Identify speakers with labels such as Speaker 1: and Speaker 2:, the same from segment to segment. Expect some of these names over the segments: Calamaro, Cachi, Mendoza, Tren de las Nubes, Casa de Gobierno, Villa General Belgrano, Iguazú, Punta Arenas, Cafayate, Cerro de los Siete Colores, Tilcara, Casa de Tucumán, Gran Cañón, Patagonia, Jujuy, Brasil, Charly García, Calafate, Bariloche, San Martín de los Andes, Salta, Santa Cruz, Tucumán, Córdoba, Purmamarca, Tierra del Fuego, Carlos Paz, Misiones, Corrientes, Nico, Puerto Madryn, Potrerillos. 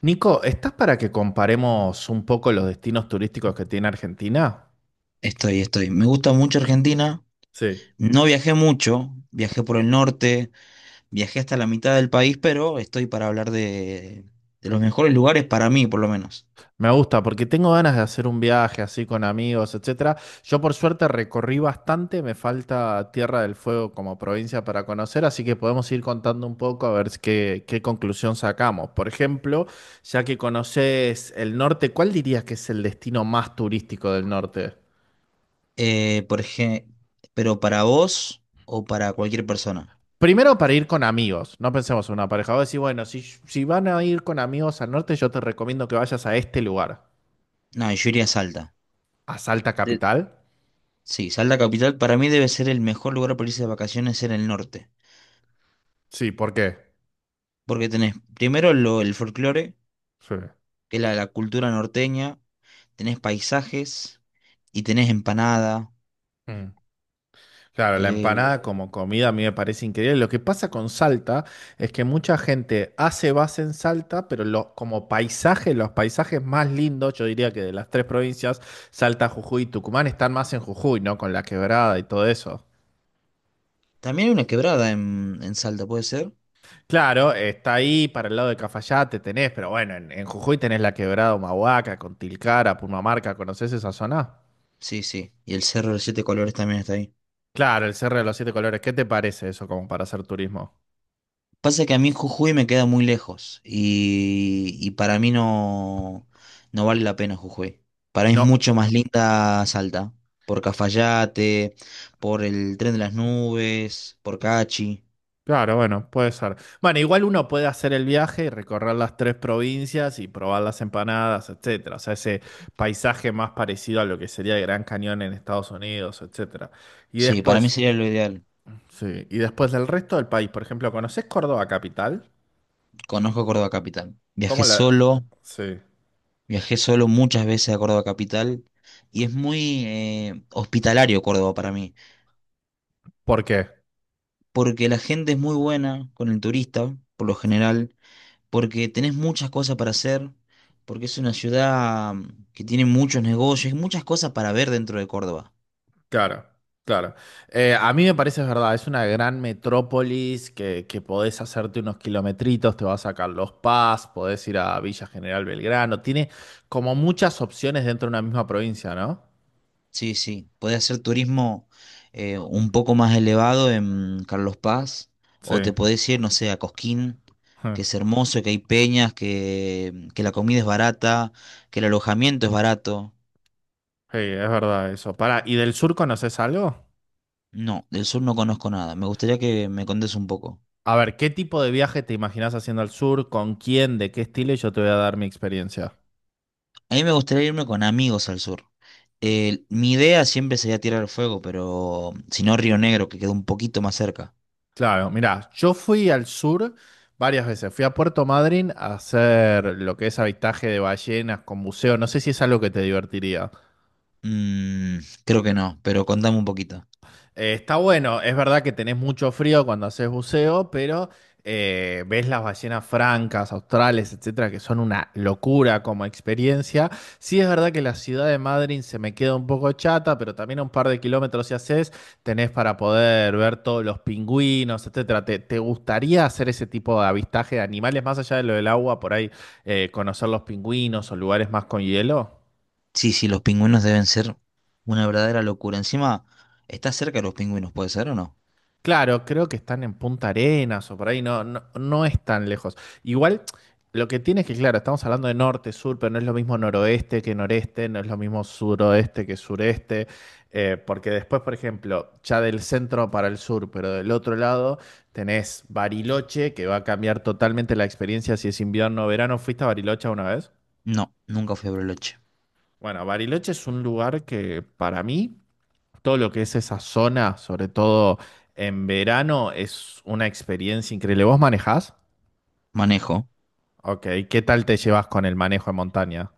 Speaker 1: Nico, ¿estás para que comparemos un poco los destinos turísticos que tiene Argentina?
Speaker 2: Estoy. Me gusta mucho Argentina.
Speaker 1: Sí.
Speaker 2: No viajé mucho, viajé por el norte, viajé hasta la mitad del país, pero estoy para hablar de los mejores lugares para mí, por lo menos.
Speaker 1: Me gusta porque tengo ganas de hacer un viaje así con amigos, etcétera. Yo por suerte recorrí bastante, me falta Tierra del Fuego como provincia para conocer, así que podemos ir contando un poco a ver qué conclusión sacamos. Por ejemplo, ya que conoces el norte, ¿cuál dirías que es el destino más turístico del norte?
Speaker 2: Por ejemplo, pero para vos o para cualquier persona.
Speaker 1: Primero para ir con amigos, no pensemos en una pareja. Vos decís, bueno, si van a ir con amigos al norte, yo te recomiendo que vayas a este lugar,
Speaker 2: No, yo iría a Salta.
Speaker 1: a Salta
Speaker 2: De-
Speaker 1: Capital.
Speaker 2: sí, Salta Capital para mí debe ser el mejor lugar para irse de vacaciones en el norte.
Speaker 1: Sí, ¿por qué?
Speaker 2: Porque tenés primero el folclore,
Speaker 1: Sí.
Speaker 2: que es la cultura norteña, tenés paisajes y tenés empanada.
Speaker 1: Mm. Claro, la empanada
Speaker 2: eh,
Speaker 1: como comida a mí me parece increíble. Lo que pasa con Salta es que mucha gente hace base en Salta, pero como paisaje, los paisajes más lindos, yo diría que de las tres provincias, Salta, Jujuy y Tucumán, están más en Jujuy, ¿no? Con la quebrada y todo eso.
Speaker 2: También hay una quebrada en Salta, ¿puede ser?
Speaker 1: Claro, está ahí para el lado de Cafayate, tenés, pero bueno, en Jujuy tenés la Quebrada Humahuaca, Tilcara, Purmamarca, ¿conocés esa zona?
Speaker 2: Sí, sí. Y el Cerro de los Siete Colores también está ahí.
Speaker 1: Claro, el Cerro de los Siete Colores, ¿qué te parece eso como para hacer turismo?
Speaker 2: Pasa que a mí Jujuy me queda muy lejos y para mí no vale la pena Jujuy. Para mí es
Speaker 1: No,
Speaker 2: mucho más linda Salta, por Cafayate, por el Tren de las Nubes, por Cachi.
Speaker 1: claro, bueno, puede ser. Bueno, igual uno puede hacer el viaje y recorrer las tres provincias y probar las empanadas, etcétera. O sea, ese paisaje más parecido a lo que sería el Gran Cañón en Estados Unidos, etcétera. Y
Speaker 2: Sí, para mí
Speaker 1: después,
Speaker 2: sería lo ideal.
Speaker 1: sí, y después del resto del país, por ejemplo, ¿conocés Córdoba capital?
Speaker 2: Conozco Córdoba Capital. Viajé
Speaker 1: ¿Cómo la...?
Speaker 2: solo,
Speaker 1: Sí.
Speaker 2: viajé solo muchas veces a Córdoba Capital y es muy hospitalario Córdoba para mí.
Speaker 1: ¿Por qué?
Speaker 2: Porque la gente es muy buena con el turista, por lo general, porque tenés muchas cosas para hacer, porque es una ciudad que tiene muchos negocios y muchas cosas para ver dentro de Córdoba.
Speaker 1: Claro, claro. A mí me parece es verdad, es una gran metrópolis que podés hacerte unos kilometritos, te vas a Carlos Paz, podés ir a Villa General Belgrano, tiene como muchas opciones dentro de una misma provincia, ¿no?
Speaker 2: Sí, sí, podés hacer turismo un poco más elevado en Carlos Paz, o
Speaker 1: Sí,
Speaker 2: te podés ir, no sé, a Cosquín,
Speaker 1: Ja.
Speaker 2: que es hermoso, que hay peñas, que la comida es barata, que el alojamiento es barato.
Speaker 1: Sí, es verdad eso. Para, ¿y del sur conoces algo?
Speaker 2: No, del sur no conozco nada. Me gustaría que me contes un poco.
Speaker 1: A ver, ¿qué tipo de viaje te imaginas haciendo al sur? ¿Con quién? ¿De qué estilo? Y yo te voy a dar mi experiencia.
Speaker 2: A mí me gustaría irme con amigos al sur. Mi idea siempre sería tirar el fuego, pero si no Río Negro, que queda un poquito más cerca.
Speaker 1: Claro, mira, yo fui al sur varias veces. Fui a Puerto Madryn a hacer lo que es avistaje de ballenas con buceo. No sé si es algo que te divertiría.
Speaker 2: Mm, creo que no, pero contame un poquito.
Speaker 1: Está bueno, es verdad que tenés mucho frío cuando haces buceo, pero ves las ballenas francas, australes, etcétera, que son una locura como experiencia. Sí, es verdad que la ciudad de Madrid se me queda un poco chata, pero también a un par de kilómetros si haces, tenés para poder ver todos los pingüinos, etcétera. ¿Te gustaría hacer ese tipo de avistaje de animales más allá de lo del agua, por ahí conocer los pingüinos o lugares más con hielo?
Speaker 2: Sí, sí, los pingüinos deben ser una verdadera locura. Encima, ¿estás cerca de los pingüinos, puede ser o no?
Speaker 1: Claro, creo que están en Punta Arenas o por ahí, no es tan lejos. Igual, lo que tiene es que, claro, estamos hablando de norte, sur, pero no es lo mismo noroeste que noreste, no es lo mismo suroeste que sureste, porque después, por ejemplo, ya del centro para el sur, pero del otro lado tenés Bariloche, que va a cambiar totalmente la experiencia si es invierno o verano. ¿Fuiste a Bariloche una vez?
Speaker 2: No, nunca fui a Bariloche.
Speaker 1: Bueno, Bariloche es un lugar que para mí todo lo que es esa zona, sobre todo en verano, es una experiencia increíble. ¿Vos manejás?
Speaker 2: ¿Manejo?
Speaker 1: Ok, ¿qué tal te llevas con el manejo en montaña?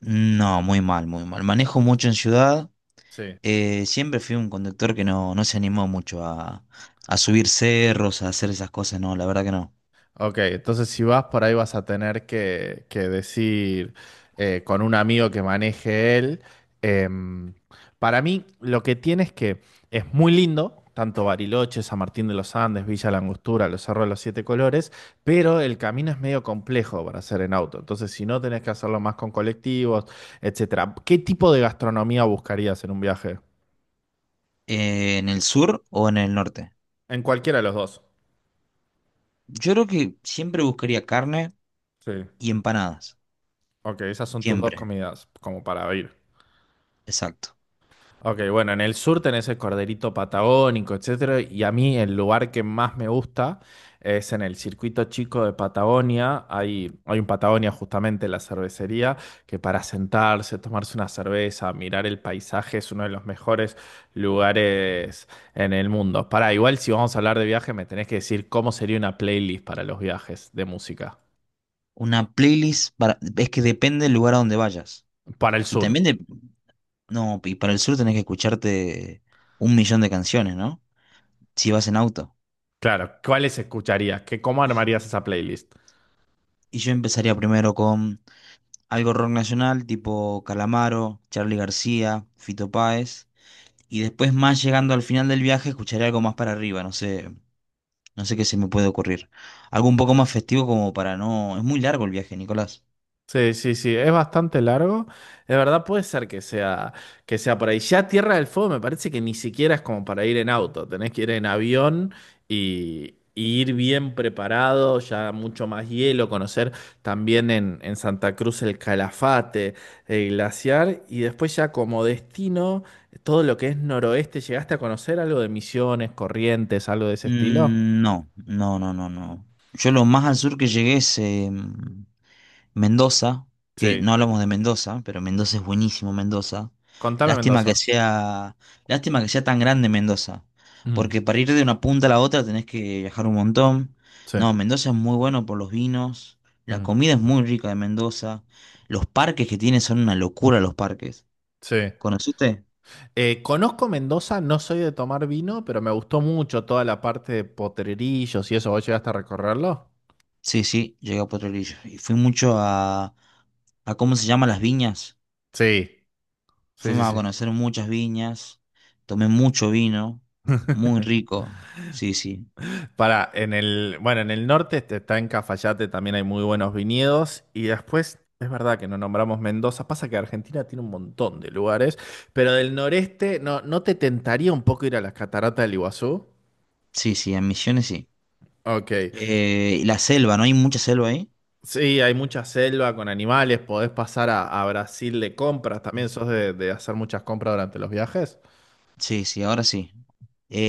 Speaker 2: No, muy mal, muy mal. Manejo mucho en ciudad.
Speaker 1: Sí.
Speaker 2: Siempre fui un conductor que no se animó mucho a subir cerros, a hacer esas cosas, no, la verdad que no.
Speaker 1: Ok, entonces si vas por ahí vas a tener que decir con un amigo que maneje él. Em, para mí lo que tiene es que es muy lindo, tanto Bariloche, San Martín de los Andes, Villa La Angostura, los Cerros de los Siete Colores, pero el camino es medio complejo para hacer en auto. Entonces si no tenés que hacerlo más con colectivos, etcétera. ¿Qué tipo de gastronomía buscarías en un viaje?
Speaker 2: ¿En el sur o en el norte?
Speaker 1: En cualquiera de los dos.
Speaker 2: Yo creo que siempre buscaría carne
Speaker 1: Sí.
Speaker 2: y empanadas.
Speaker 1: Ok, esas son tus dos
Speaker 2: Siempre.
Speaker 1: comidas como para ir.
Speaker 2: Exacto.
Speaker 1: Ok, bueno, en el sur tenés el corderito patagónico, etcétera, y a mí el lugar que más me gusta es en el circuito chico de Patagonia. Hay un Patagonia justamente la cervecería, que para sentarse, tomarse una cerveza, mirar el paisaje es uno de los mejores lugares en el mundo. Para igual si vamos a hablar de viaje, me tenés que decir cómo sería una playlist para los viajes de música.
Speaker 2: Una playlist para... Es que depende del lugar a donde vayas.
Speaker 1: Para el
Speaker 2: Y
Speaker 1: sur,
Speaker 2: también de... No, y para el sur tenés que escucharte un millón de canciones, ¿no? Si vas en auto.
Speaker 1: claro, ¿cuáles escucharías? ¿Qué, cómo armarías esa playlist?
Speaker 2: Y yo empezaría primero con algo rock nacional, tipo Calamaro, Charly García, Fito Páez. Y después más llegando al final del viaje, escucharé algo más para arriba, no sé, no sé qué se me puede ocurrir. Algo un poco más festivo como para no... Es muy largo el viaje, Nicolás.
Speaker 1: Sí, sí, sí, es bastante largo. De verdad puede ser que sea por ahí. Ya Tierra del Fuego me parece que ni siquiera es como para ir en auto, tenés que ir en avión y ir bien preparado, ya mucho más hielo, conocer también en Santa Cruz el Calafate, el glaciar y después ya como destino, todo lo que es noroeste, ¿llegaste a conocer algo de Misiones, Corrientes, algo de ese estilo?
Speaker 2: No, no, no, no, no. Yo lo más al sur que llegué es Mendoza, que
Speaker 1: Sí,
Speaker 2: no hablamos de Mendoza, pero Mendoza es buenísimo, Mendoza.
Speaker 1: contame
Speaker 2: Lástima que
Speaker 1: Mendoza.
Speaker 2: sea, lástima que sea tan grande Mendoza,
Speaker 1: Mm.
Speaker 2: porque para ir de una punta a la otra tenés que viajar un montón.
Speaker 1: Sí.
Speaker 2: No, Mendoza es muy bueno por los vinos, la
Speaker 1: Mm.
Speaker 2: comida es muy rica de Mendoza, los parques que tiene son una locura los parques.
Speaker 1: Sí.
Speaker 2: ¿Conociste?
Speaker 1: Conozco Mendoza, no soy de tomar vino, pero me gustó mucho toda la parte de Potrerillos y eso. ¿Vos llegaste a recorrerlo?
Speaker 2: Sí, sí, llegué a Potrerillos y fui mucho a ¿cómo se llama? Las viñas.
Speaker 1: Sí, sí, sí,
Speaker 2: Fuimos a
Speaker 1: sí.
Speaker 2: conocer muchas viñas. Tomé mucho vino. Muy rico. Sí, sí.
Speaker 1: Para, en el, bueno, en el norte este, está en Cafayate, también hay muy buenos viñedos. Y después, es verdad que no nombramos Mendoza, pasa que Argentina tiene un montón de lugares, pero del noreste, ¿no, no te tentaría un poco ir a las cataratas del Iguazú?
Speaker 2: Sí, sí, en Misiones sí.
Speaker 1: Ok.
Speaker 2: Y la selva, ¿no? Hay mucha selva ahí.
Speaker 1: Sí, hay mucha selva con animales, podés pasar a Brasil de compras, también sos de hacer muchas compras durante los viajes.
Speaker 2: Sí, sí, ahora sí.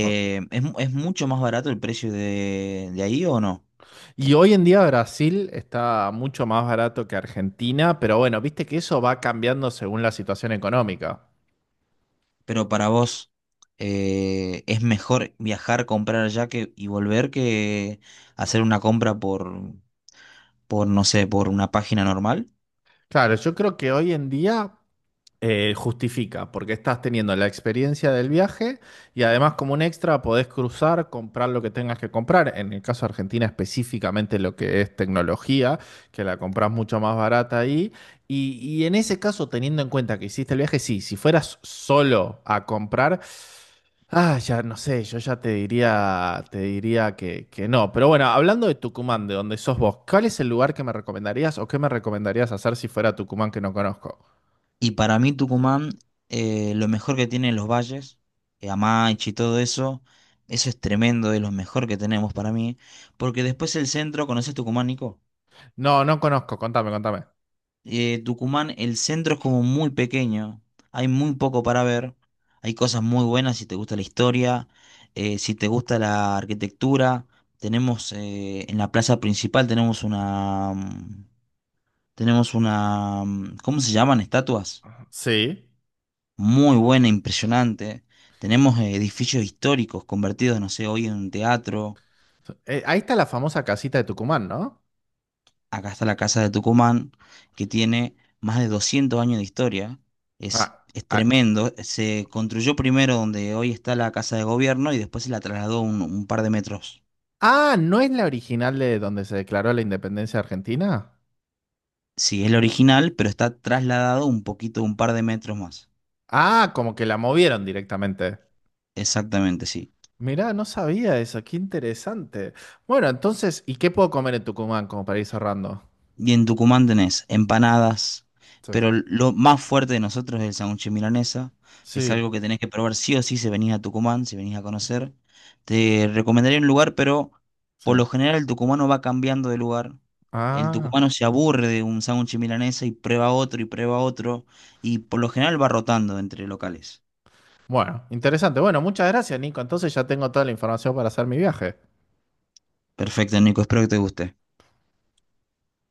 Speaker 1: Ah.
Speaker 2: ¿es, mu- Es mucho más barato el precio de ahí o no?
Speaker 1: Y hoy en día Brasil está mucho más barato que Argentina, pero bueno, viste que eso va cambiando según la situación económica.
Speaker 2: Pero para vos, ¿es mejor viajar, comprar allá que, y volver que hacer una compra por, no sé, por una página normal?
Speaker 1: Claro, yo creo que hoy en día justifica, porque estás teniendo la experiencia del viaje y además como un extra podés cruzar, comprar lo que tengas que comprar. En el caso de Argentina específicamente lo que es tecnología, que la compras mucho más barata ahí. Y en ese caso, teniendo en cuenta que hiciste el viaje, sí, si fueras solo a comprar, ah, ya no sé, yo ya te diría que no. Pero bueno, hablando de Tucumán, de donde sos vos, ¿cuál es el lugar que me recomendarías o qué me recomendarías hacer si fuera a Tucumán que no conozco?
Speaker 2: Y para mí Tucumán, lo mejor que tiene los valles, Amaiche y todo eso, eso es tremendo, es lo mejor que tenemos para mí. Porque después el centro, ¿conoces Tucumán, Nico?
Speaker 1: No, no conozco, contame, contame.
Speaker 2: Tucumán, el centro es como muy pequeño, hay muy poco para ver, hay cosas muy buenas si te gusta la historia, si te gusta la arquitectura. Tenemos en la plaza principal tenemos una ¿cómo se llaman? Estatuas
Speaker 1: Sí.
Speaker 2: muy buena, impresionante. Tenemos edificios históricos convertidos, no sé, hoy en un teatro.
Speaker 1: Ahí está la famosa casita de Tucumán, ¿no?
Speaker 2: Acá está la Casa de Tucumán, que tiene más de 200 años de historia.
Speaker 1: Ah,
Speaker 2: Es
Speaker 1: ah,
Speaker 2: tremendo. Se construyó primero donde hoy está la Casa de Gobierno y después se la trasladó un par de metros.
Speaker 1: ah, ¿no es la original de donde se declaró la independencia argentina?
Speaker 2: Sí, es el original, pero está trasladado un poquito, un par de metros más.
Speaker 1: Ah, como que la movieron directamente.
Speaker 2: Exactamente, sí.
Speaker 1: Mirá, no sabía eso, qué interesante. Bueno, entonces, ¿y qué puedo comer en Tucumán como para ir cerrando?
Speaker 2: Y en Tucumán tenés empanadas,
Speaker 1: Sí.
Speaker 2: pero lo más fuerte de nosotros es el sándwich de milanesa, que es
Speaker 1: Sí,
Speaker 2: algo que tenés que probar sí o sí si venís a Tucumán, si venís a conocer. Te recomendaría un lugar, pero
Speaker 1: sí.
Speaker 2: por lo general el tucumano va cambiando de lugar. El
Speaker 1: Ah,
Speaker 2: tucumano se aburre de un sándwich de milanesa y prueba otro y prueba otro, y por lo general va rotando entre locales.
Speaker 1: bueno, interesante. Bueno, muchas gracias, Nico. Entonces ya tengo toda la información para hacer mi viaje.
Speaker 2: Perfecto, Nico, espero que te guste.